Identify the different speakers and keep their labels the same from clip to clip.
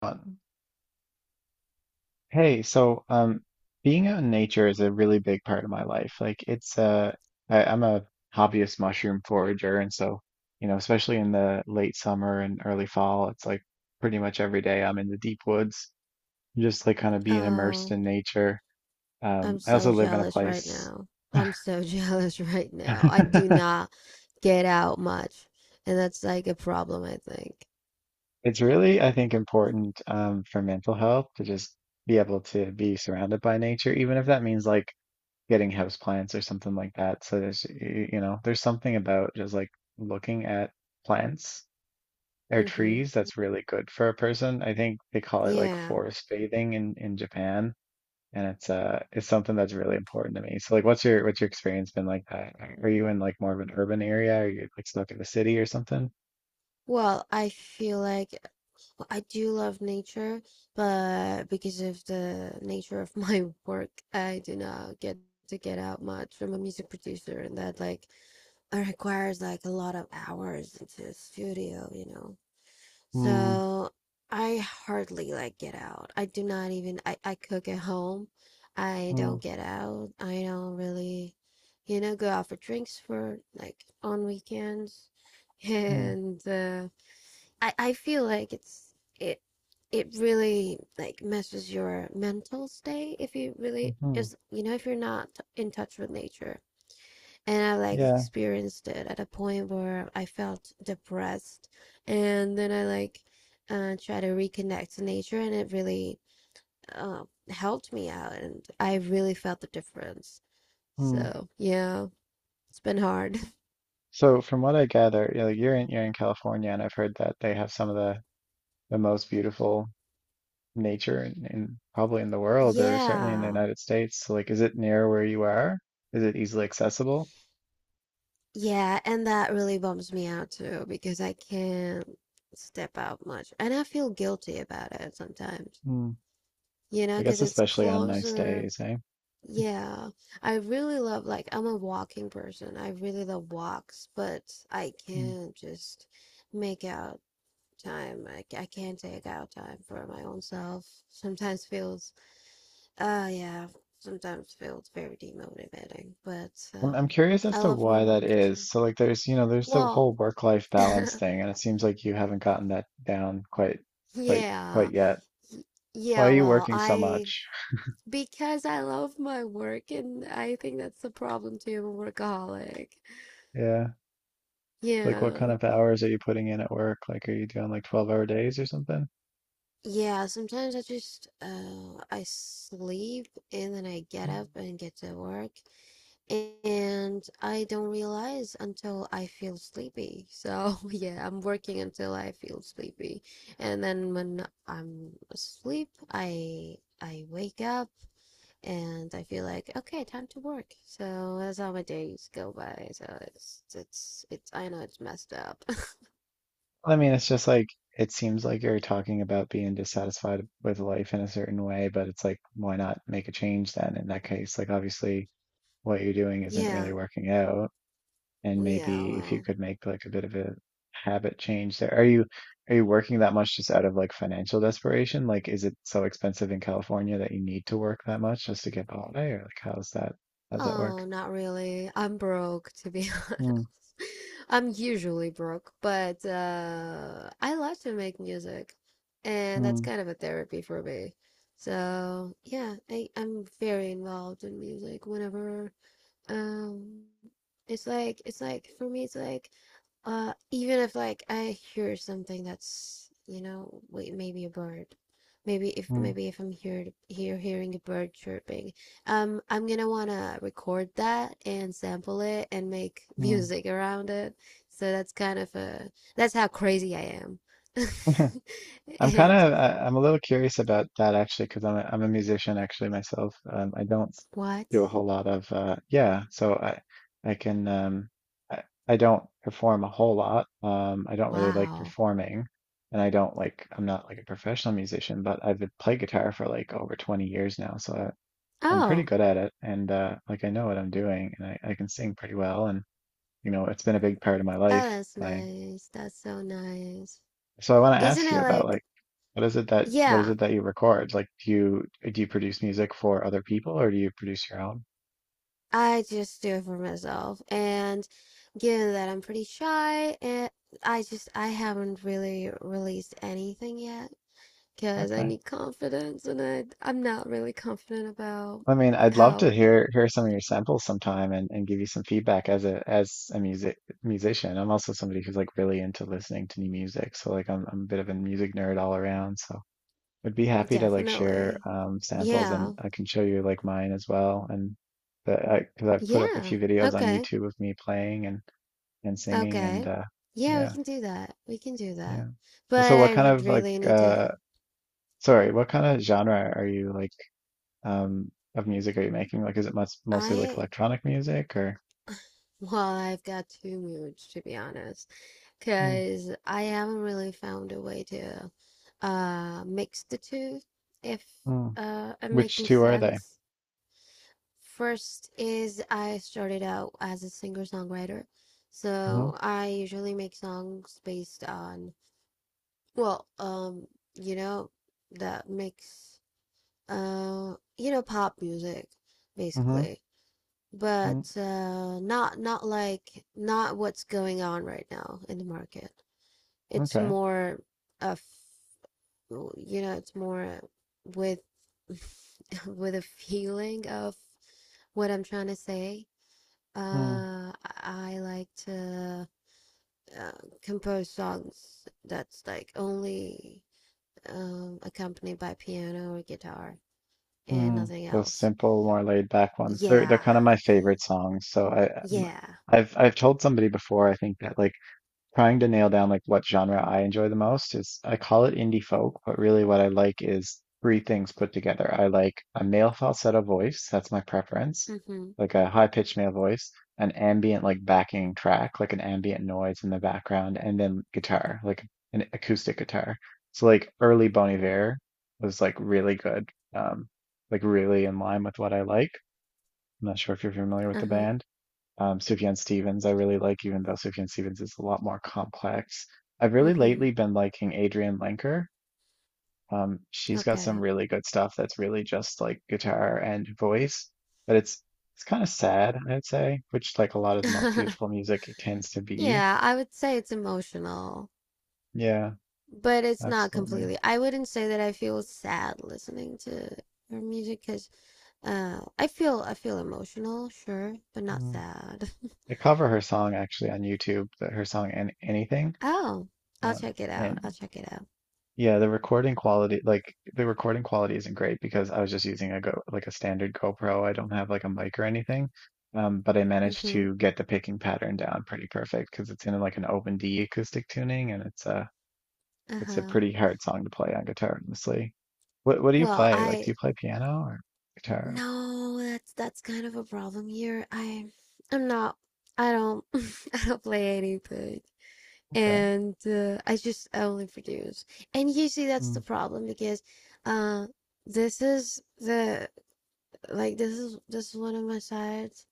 Speaker 1: Uh, Hey, so Being out in nature is a really big part of my life. I'm a hobbyist mushroom forager, and so you know, especially in the late summer and early fall, it's like pretty much every day I'm in the deep woods, just like kind of being immersed
Speaker 2: Oh,
Speaker 1: in nature.
Speaker 2: I'm
Speaker 1: I
Speaker 2: so
Speaker 1: also live in a
Speaker 2: jealous right
Speaker 1: place.
Speaker 2: now. I'm so jealous right now. I do not get out much, and that's like a problem, I think.
Speaker 1: It's really, I think, important for mental health to just be able to be surrounded by nature, even if that means like getting house plants or something like that. So you know, there's something about just like looking at plants or
Speaker 2: Mm-hmm.
Speaker 1: trees that's really good for a person. I think they call it like
Speaker 2: Yeah.
Speaker 1: forest bathing in Japan, and it's it's something that's really important to me. So like what's your experience been like that? Are you in like more of an urban area? Are you like stuck in the city or something?
Speaker 2: Well, I feel like well, I do love nature, but because of the nature of my work, I do not get to get out much. I'm a music producer, and that like it requires like a lot of hours into the studio, you know.
Speaker 1: Hmm.
Speaker 2: So I hardly like get out. I do not even I cook at home. I
Speaker 1: Hmm.
Speaker 2: don't get out. I don't really, you know, go out for drinks for like on weekends.
Speaker 1: Hmm.
Speaker 2: And I feel like it it really like messes your mental state if you really
Speaker 1: Hmm.
Speaker 2: is you know if you're not in touch with nature, and I like
Speaker 1: Yeah.
Speaker 2: experienced it at a point where I felt depressed, and then I like try to reconnect to nature, and it really uh, helped me out, and I really felt the difference.
Speaker 1: Hmm.
Speaker 2: So yeah, it's been hard.
Speaker 1: So from what I gather, you know, you're in California, and I've heard that they have some of the most beautiful nature and probably in the world or certainly in the
Speaker 2: Yeah,
Speaker 1: United States. So, like, is it near where you are? Is it easily accessible?
Speaker 2: yeah, and that really bums me out too because I can't step out much, and I feel guilty about it sometimes,
Speaker 1: Hmm.
Speaker 2: you know,
Speaker 1: I
Speaker 2: because
Speaker 1: guess
Speaker 2: it's
Speaker 1: especially on nice
Speaker 2: closer.
Speaker 1: days, eh?
Speaker 2: Yeah, I really love like I'm a walking person. I really love walks, but I
Speaker 1: Hmm.
Speaker 2: can't just make out time. I can't take out time for my own self. Sometimes feels yeah, sometimes feels very demotivating, but
Speaker 1: I'm I'm curious as
Speaker 2: I
Speaker 1: to
Speaker 2: love my
Speaker 1: why that
Speaker 2: work
Speaker 1: is.
Speaker 2: too.
Speaker 1: So like there's, you know, there's the
Speaker 2: Well,
Speaker 1: whole work-life balance thing, and it seems like you haven't gotten that down quite,
Speaker 2: yeah.
Speaker 1: quite yet. Why
Speaker 2: Yeah,
Speaker 1: are you
Speaker 2: well,
Speaker 1: working so
Speaker 2: I
Speaker 1: much?
Speaker 2: because I love my work, and I think that's the problem too. I'm a workaholic.
Speaker 1: Yeah. Like what
Speaker 2: Yeah.
Speaker 1: kind of hours are you putting in at work? Like are you doing like 12-hour days or something?
Speaker 2: Yeah, sometimes I just I sleep and then I get up and get to work, and I don't realize until I feel sleepy. So yeah, I'm working until I feel sleepy. And then when I'm asleep, I wake up and I feel like okay, time to work. So that's how my days go by. So it's I know it's messed up.
Speaker 1: I mean, it's just like it seems like you're talking about being dissatisfied with life in a certain way, but it's like, why not make a change then in that case? Like, obviously, what you're doing isn't
Speaker 2: Yeah.
Speaker 1: really working out, and
Speaker 2: Yeah,
Speaker 1: maybe if you
Speaker 2: well.
Speaker 1: could make like a bit of a habit change there. Are you working that much just out of like financial desperation? Like, is it so expensive in California that you need to work that much just to get by, or like how's that work?
Speaker 2: Oh, not really. I'm broke, to be honest.
Speaker 1: Mm,
Speaker 2: I'm usually broke, but I love to make music, and that's
Speaker 1: mm,
Speaker 2: kind of a therapy for me. So, yeah, I'm very involved in music whenever. Um, it's like for me it's like even if like I hear something that's you know wait maybe a bird
Speaker 1: mm,
Speaker 2: maybe if I'm here hearing a bird chirping. I'm gonna wanna record that and sample it and make
Speaker 1: mm.
Speaker 2: music around it, so that's kind of a that's how crazy I am.
Speaker 1: I'm kind
Speaker 2: And
Speaker 1: of I'm a little curious about that actually because I'm a musician actually myself. I don't
Speaker 2: what?
Speaker 1: do a whole lot of yeah, so I can I, I don't perform a whole lot. I don't really like
Speaker 2: Wow.
Speaker 1: performing, and I don't like I'm not like a professional musician, but I've been playing guitar for like over 20 years now, so I'm pretty
Speaker 2: Oh,
Speaker 1: good at it, and like I know what I'm doing, and I can sing pretty well, and you know it's been a big part of my life.
Speaker 2: oh, that's
Speaker 1: My
Speaker 2: nice, that's so nice.
Speaker 1: so I want to
Speaker 2: Isn't
Speaker 1: ask
Speaker 2: it
Speaker 1: you about
Speaker 2: like,
Speaker 1: like what is
Speaker 2: yeah,
Speaker 1: it that you record? Like, do you produce music for other people or do you produce your own?
Speaker 2: I just do it for myself. And given that I'm pretty shy, and I just I haven't really released anything yet because I
Speaker 1: Okay.
Speaker 2: need confidence, and I'm not really confident about
Speaker 1: I mean, I'd love to
Speaker 2: how.
Speaker 1: hear some of your samples sometime and give you some feedback as a music musician. I'm also somebody who's like really into listening to new music. So like I'm a bit of a music nerd all around. So I'd be happy to like share
Speaker 2: Definitely.
Speaker 1: samples and
Speaker 2: Yeah.
Speaker 1: I can show you like mine as well and because I've put up a
Speaker 2: Yeah.
Speaker 1: few videos on
Speaker 2: Okay.
Speaker 1: YouTube of me playing and singing and
Speaker 2: Okay. Yeah, we
Speaker 1: yeah.
Speaker 2: can do that. We can do
Speaker 1: Yeah.
Speaker 2: that.
Speaker 1: So
Speaker 2: But
Speaker 1: what
Speaker 2: I
Speaker 1: kind
Speaker 2: would
Speaker 1: of like
Speaker 2: really need to
Speaker 1: sorry, what kind of genre are you like of music are you making? Like is it much mostly like
Speaker 2: I
Speaker 1: electronic music or
Speaker 2: well, I've got two moods to be honest.
Speaker 1: mm,
Speaker 2: Because I haven't really found a way to mix the two, if
Speaker 1: mm.
Speaker 2: I'm
Speaker 1: Which
Speaker 2: making
Speaker 1: two are they?
Speaker 2: sense. First is I started out as a singer-songwriter,
Speaker 1: Hmm.
Speaker 2: so I usually make songs based on well, you know, that makes you know pop music
Speaker 1: Hmm.
Speaker 2: basically. But
Speaker 1: Mm,
Speaker 2: not like not what's going on right now in the market. It's
Speaker 1: okay.
Speaker 2: more of well, you know, it's more with with a feeling of what I'm trying to say.
Speaker 1: Mm,
Speaker 2: Uh, I I like to uh, compose songs that's like only accompanied by piano or guitar and
Speaker 1: mm.
Speaker 2: nothing
Speaker 1: Those
Speaker 2: else.
Speaker 1: simple, more laid back ones. They're
Speaker 2: Yeah,
Speaker 1: kind of my favorite songs. So
Speaker 2: yeah.
Speaker 1: I've told somebody before I think that like trying to nail down like what genre I enjoy the most is I call it indie folk, but really what I like is three things put together. I like a male falsetto voice, that's my preference,
Speaker 2: Mm-hmm.
Speaker 1: like a high-pitched male voice, an ambient like backing track, like an ambient noise in the background, and then guitar, like an acoustic guitar. So like early Bon Iver was like really good, um, like really in line with what I like. I'm not sure if you're familiar with the
Speaker 2: Uh-huh.
Speaker 1: band Sufjan Stevens, I really like, even though Sufjan Stevens is a lot more complex. I've really
Speaker 2: Mm-hmm.
Speaker 1: lately been liking Adrienne Lenker. She's got some
Speaker 2: Okay.
Speaker 1: really good stuff that's really just like guitar and voice, but it's kind of sad, I'd say, which like a lot of the most beautiful music it tends to be.
Speaker 2: Yeah, I would say it's emotional.
Speaker 1: Yeah,
Speaker 2: But it's not
Speaker 1: absolutely.
Speaker 2: completely. I wouldn't say that I feel sad listening to her music because I feel emotional, sure, but not
Speaker 1: Mm.
Speaker 2: sad.
Speaker 1: I cover her song actually on YouTube, that her song and anything.
Speaker 2: Oh, I'll
Speaker 1: Um,
Speaker 2: check it out. I'll
Speaker 1: and
Speaker 2: check it out.
Speaker 1: Yeah, the recording quality, like the recording quality isn't great because I was just using a go like a standard GoPro. I don't have like a mic or anything. But I managed
Speaker 2: Mm-hmm.
Speaker 1: to get the picking pattern down pretty perfect because it's in like an open D acoustic tuning and it's a
Speaker 2: Uh-huh.
Speaker 1: pretty hard song to play on guitar, honestly. What do you
Speaker 2: Well,
Speaker 1: play? Like, do
Speaker 2: I
Speaker 1: you play piano or guitar?
Speaker 2: no, that's kind of a problem here. I I'm not. I don't. I don't play anything,
Speaker 1: Okay.
Speaker 2: and I only produce. And usually that's
Speaker 1: Mm,
Speaker 2: the problem because uh, this is the like this is one of my sides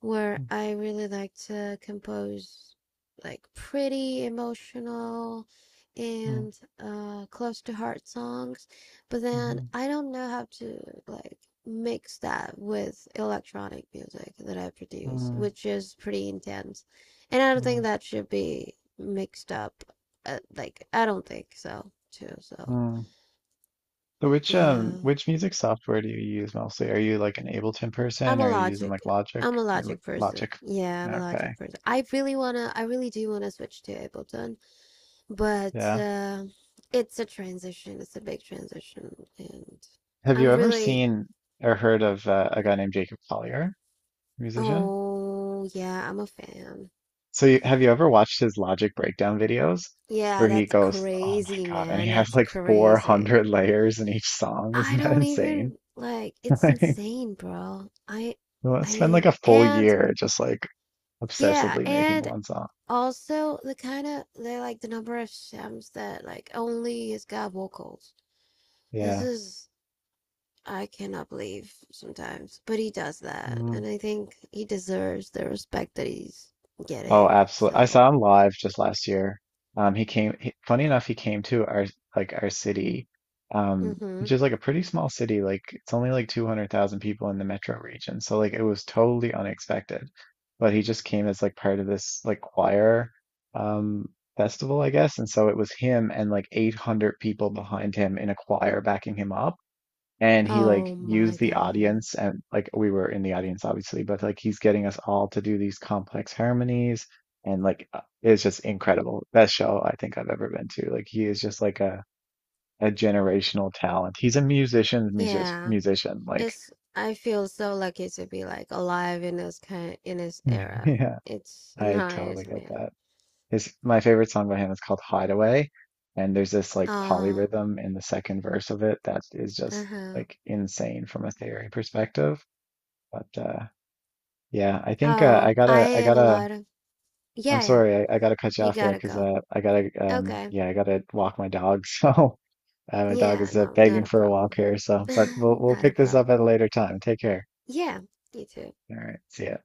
Speaker 2: where
Speaker 1: mm,
Speaker 2: I really like to compose like pretty emotional
Speaker 1: mm,
Speaker 2: and close to heart songs, but then
Speaker 1: mhm,
Speaker 2: I don't know how to like mix that with electronic music that I produce,
Speaker 1: mm,
Speaker 2: which is pretty intense. And I don't think
Speaker 1: mm,
Speaker 2: that should be mixed up. Like I don't think so too, so
Speaker 1: mm. So
Speaker 2: yeah.
Speaker 1: which music software do you use mostly? Are you like an Ableton
Speaker 2: I'm
Speaker 1: person
Speaker 2: a
Speaker 1: or are you using
Speaker 2: logic.
Speaker 1: like Logic?
Speaker 2: I'm a
Speaker 1: You
Speaker 2: logic person.
Speaker 1: Logic.
Speaker 2: Yeah, I'm a logic
Speaker 1: Okay.
Speaker 2: person. I really wanna, I really do wanna switch to Ableton, but
Speaker 1: Yeah.
Speaker 2: it's a transition. It's a big transition, and
Speaker 1: Have you
Speaker 2: I'm
Speaker 1: ever
Speaker 2: really,
Speaker 1: seen or heard of a guy named Jacob Collier, musician?
Speaker 2: oh yeah, I'm a fan.
Speaker 1: So have you ever watched his Logic breakdown videos where
Speaker 2: Yeah,
Speaker 1: he
Speaker 2: that's
Speaker 1: goes, "Oh my
Speaker 2: crazy,
Speaker 1: God," and he
Speaker 2: man.
Speaker 1: has
Speaker 2: That's
Speaker 1: like
Speaker 2: crazy.
Speaker 1: 400 layers in each song.
Speaker 2: I
Speaker 1: Isn't that
Speaker 2: don't
Speaker 1: insane?
Speaker 2: even like. It's
Speaker 1: Like, you
Speaker 2: insane, bro.
Speaker 1: wanna
Speaker 2: I
Speaker 1: spend like
Speaker 2: mean,
Speaker 1: a full
Speaker 2: and
Speaker 1: year just like
Speaker 2: yeah,
Speaker 1: obsessively making
Speaker 2: and
Speaker 1: one song.
Speaker 2: also, the kind of they like the number of Shams that like only his God vocals. This
Speaker 1: Yeah.
Speaker 2: is I cannot believe sometimes, but he does that, and
Speaker 1: Hmm.
Speaker 2: I think he deserves the respect that he's
Speaker 1: Oh,
Speaker 2: getting.
Speaker 1: absolutely. I
Speaker 2: So,
Speaker 1: saw him live just last year. He came, funny
Speaker 2: uh,
Speaker 1: enough, he came to like our city,
Speaker 2: mm-hmm.
Speaker 1: which is like a pretty small city. Like it's only like 200,000 people in the metro region. So like it was totally unexpected, but he just came as like part of this like choir, um, festival, I guess. And so it was him and like 800 people behind him in a choir backing him up and he like
Speaker 2: Oh my
Speaker 1: used the
Speaker 2: God,
Speaker 1: audience and like we were in the audience obviously but like he's getting us all to do these complex harmonies and like it's just incredible, best show I think I've ever been to. Like he is just like a generational talent, he's a musician
Speaker 2: yeah,
Speaker 1: musician like
Speaker 2: it's I feel so lucky to be like alive in this era.
Speaker 1: yeah
Speaker 2: It's
Speaker 1: I totally
Speaker 2: nice,
Speaker 1: get
Speaker 2: man.
Speaker 1: that. His My favorite song by him is called Hideaway and there's this like
Speaker 2: Ah,
Speaker 1: polyrhythm in the second verse of it that is just
Speaker 2: uh-huh.
Speaker 1: like insane from a theory perspective but yeah, I think
Speaker 2: Oh, I
Speaker 1: I
Speaker 2: have a
Speaker 1: gotta.
Speaker 2: lot of
Speaker 1: I'm
Speaker 2: yeah, yeah.
Speaker 1: sorry, I gotta cut you
Speaker 2: You
Speaker 1: off there
Speaker 2: gotta
Speaker 1: because
Speaker 2: go. Okay.
Speaker 1: yeah, I gotta walk my dog. So my dog
Speaker 2: Yeah,
Speaker 1: is
Speaker 2: no, not
Speaker 1: begging
Speaker 2: a
Speaker 1: for a walk
Speaker 2: problem.
Speaker 1: here. So, but we'll
Speaker 2: Not a
Speaker 1: pick this
Speaker 2: problem.
Speaker 1: up at a later time. Take care.
Speaker 2: Yeah, you too.
Speaker 1: All right, see ya.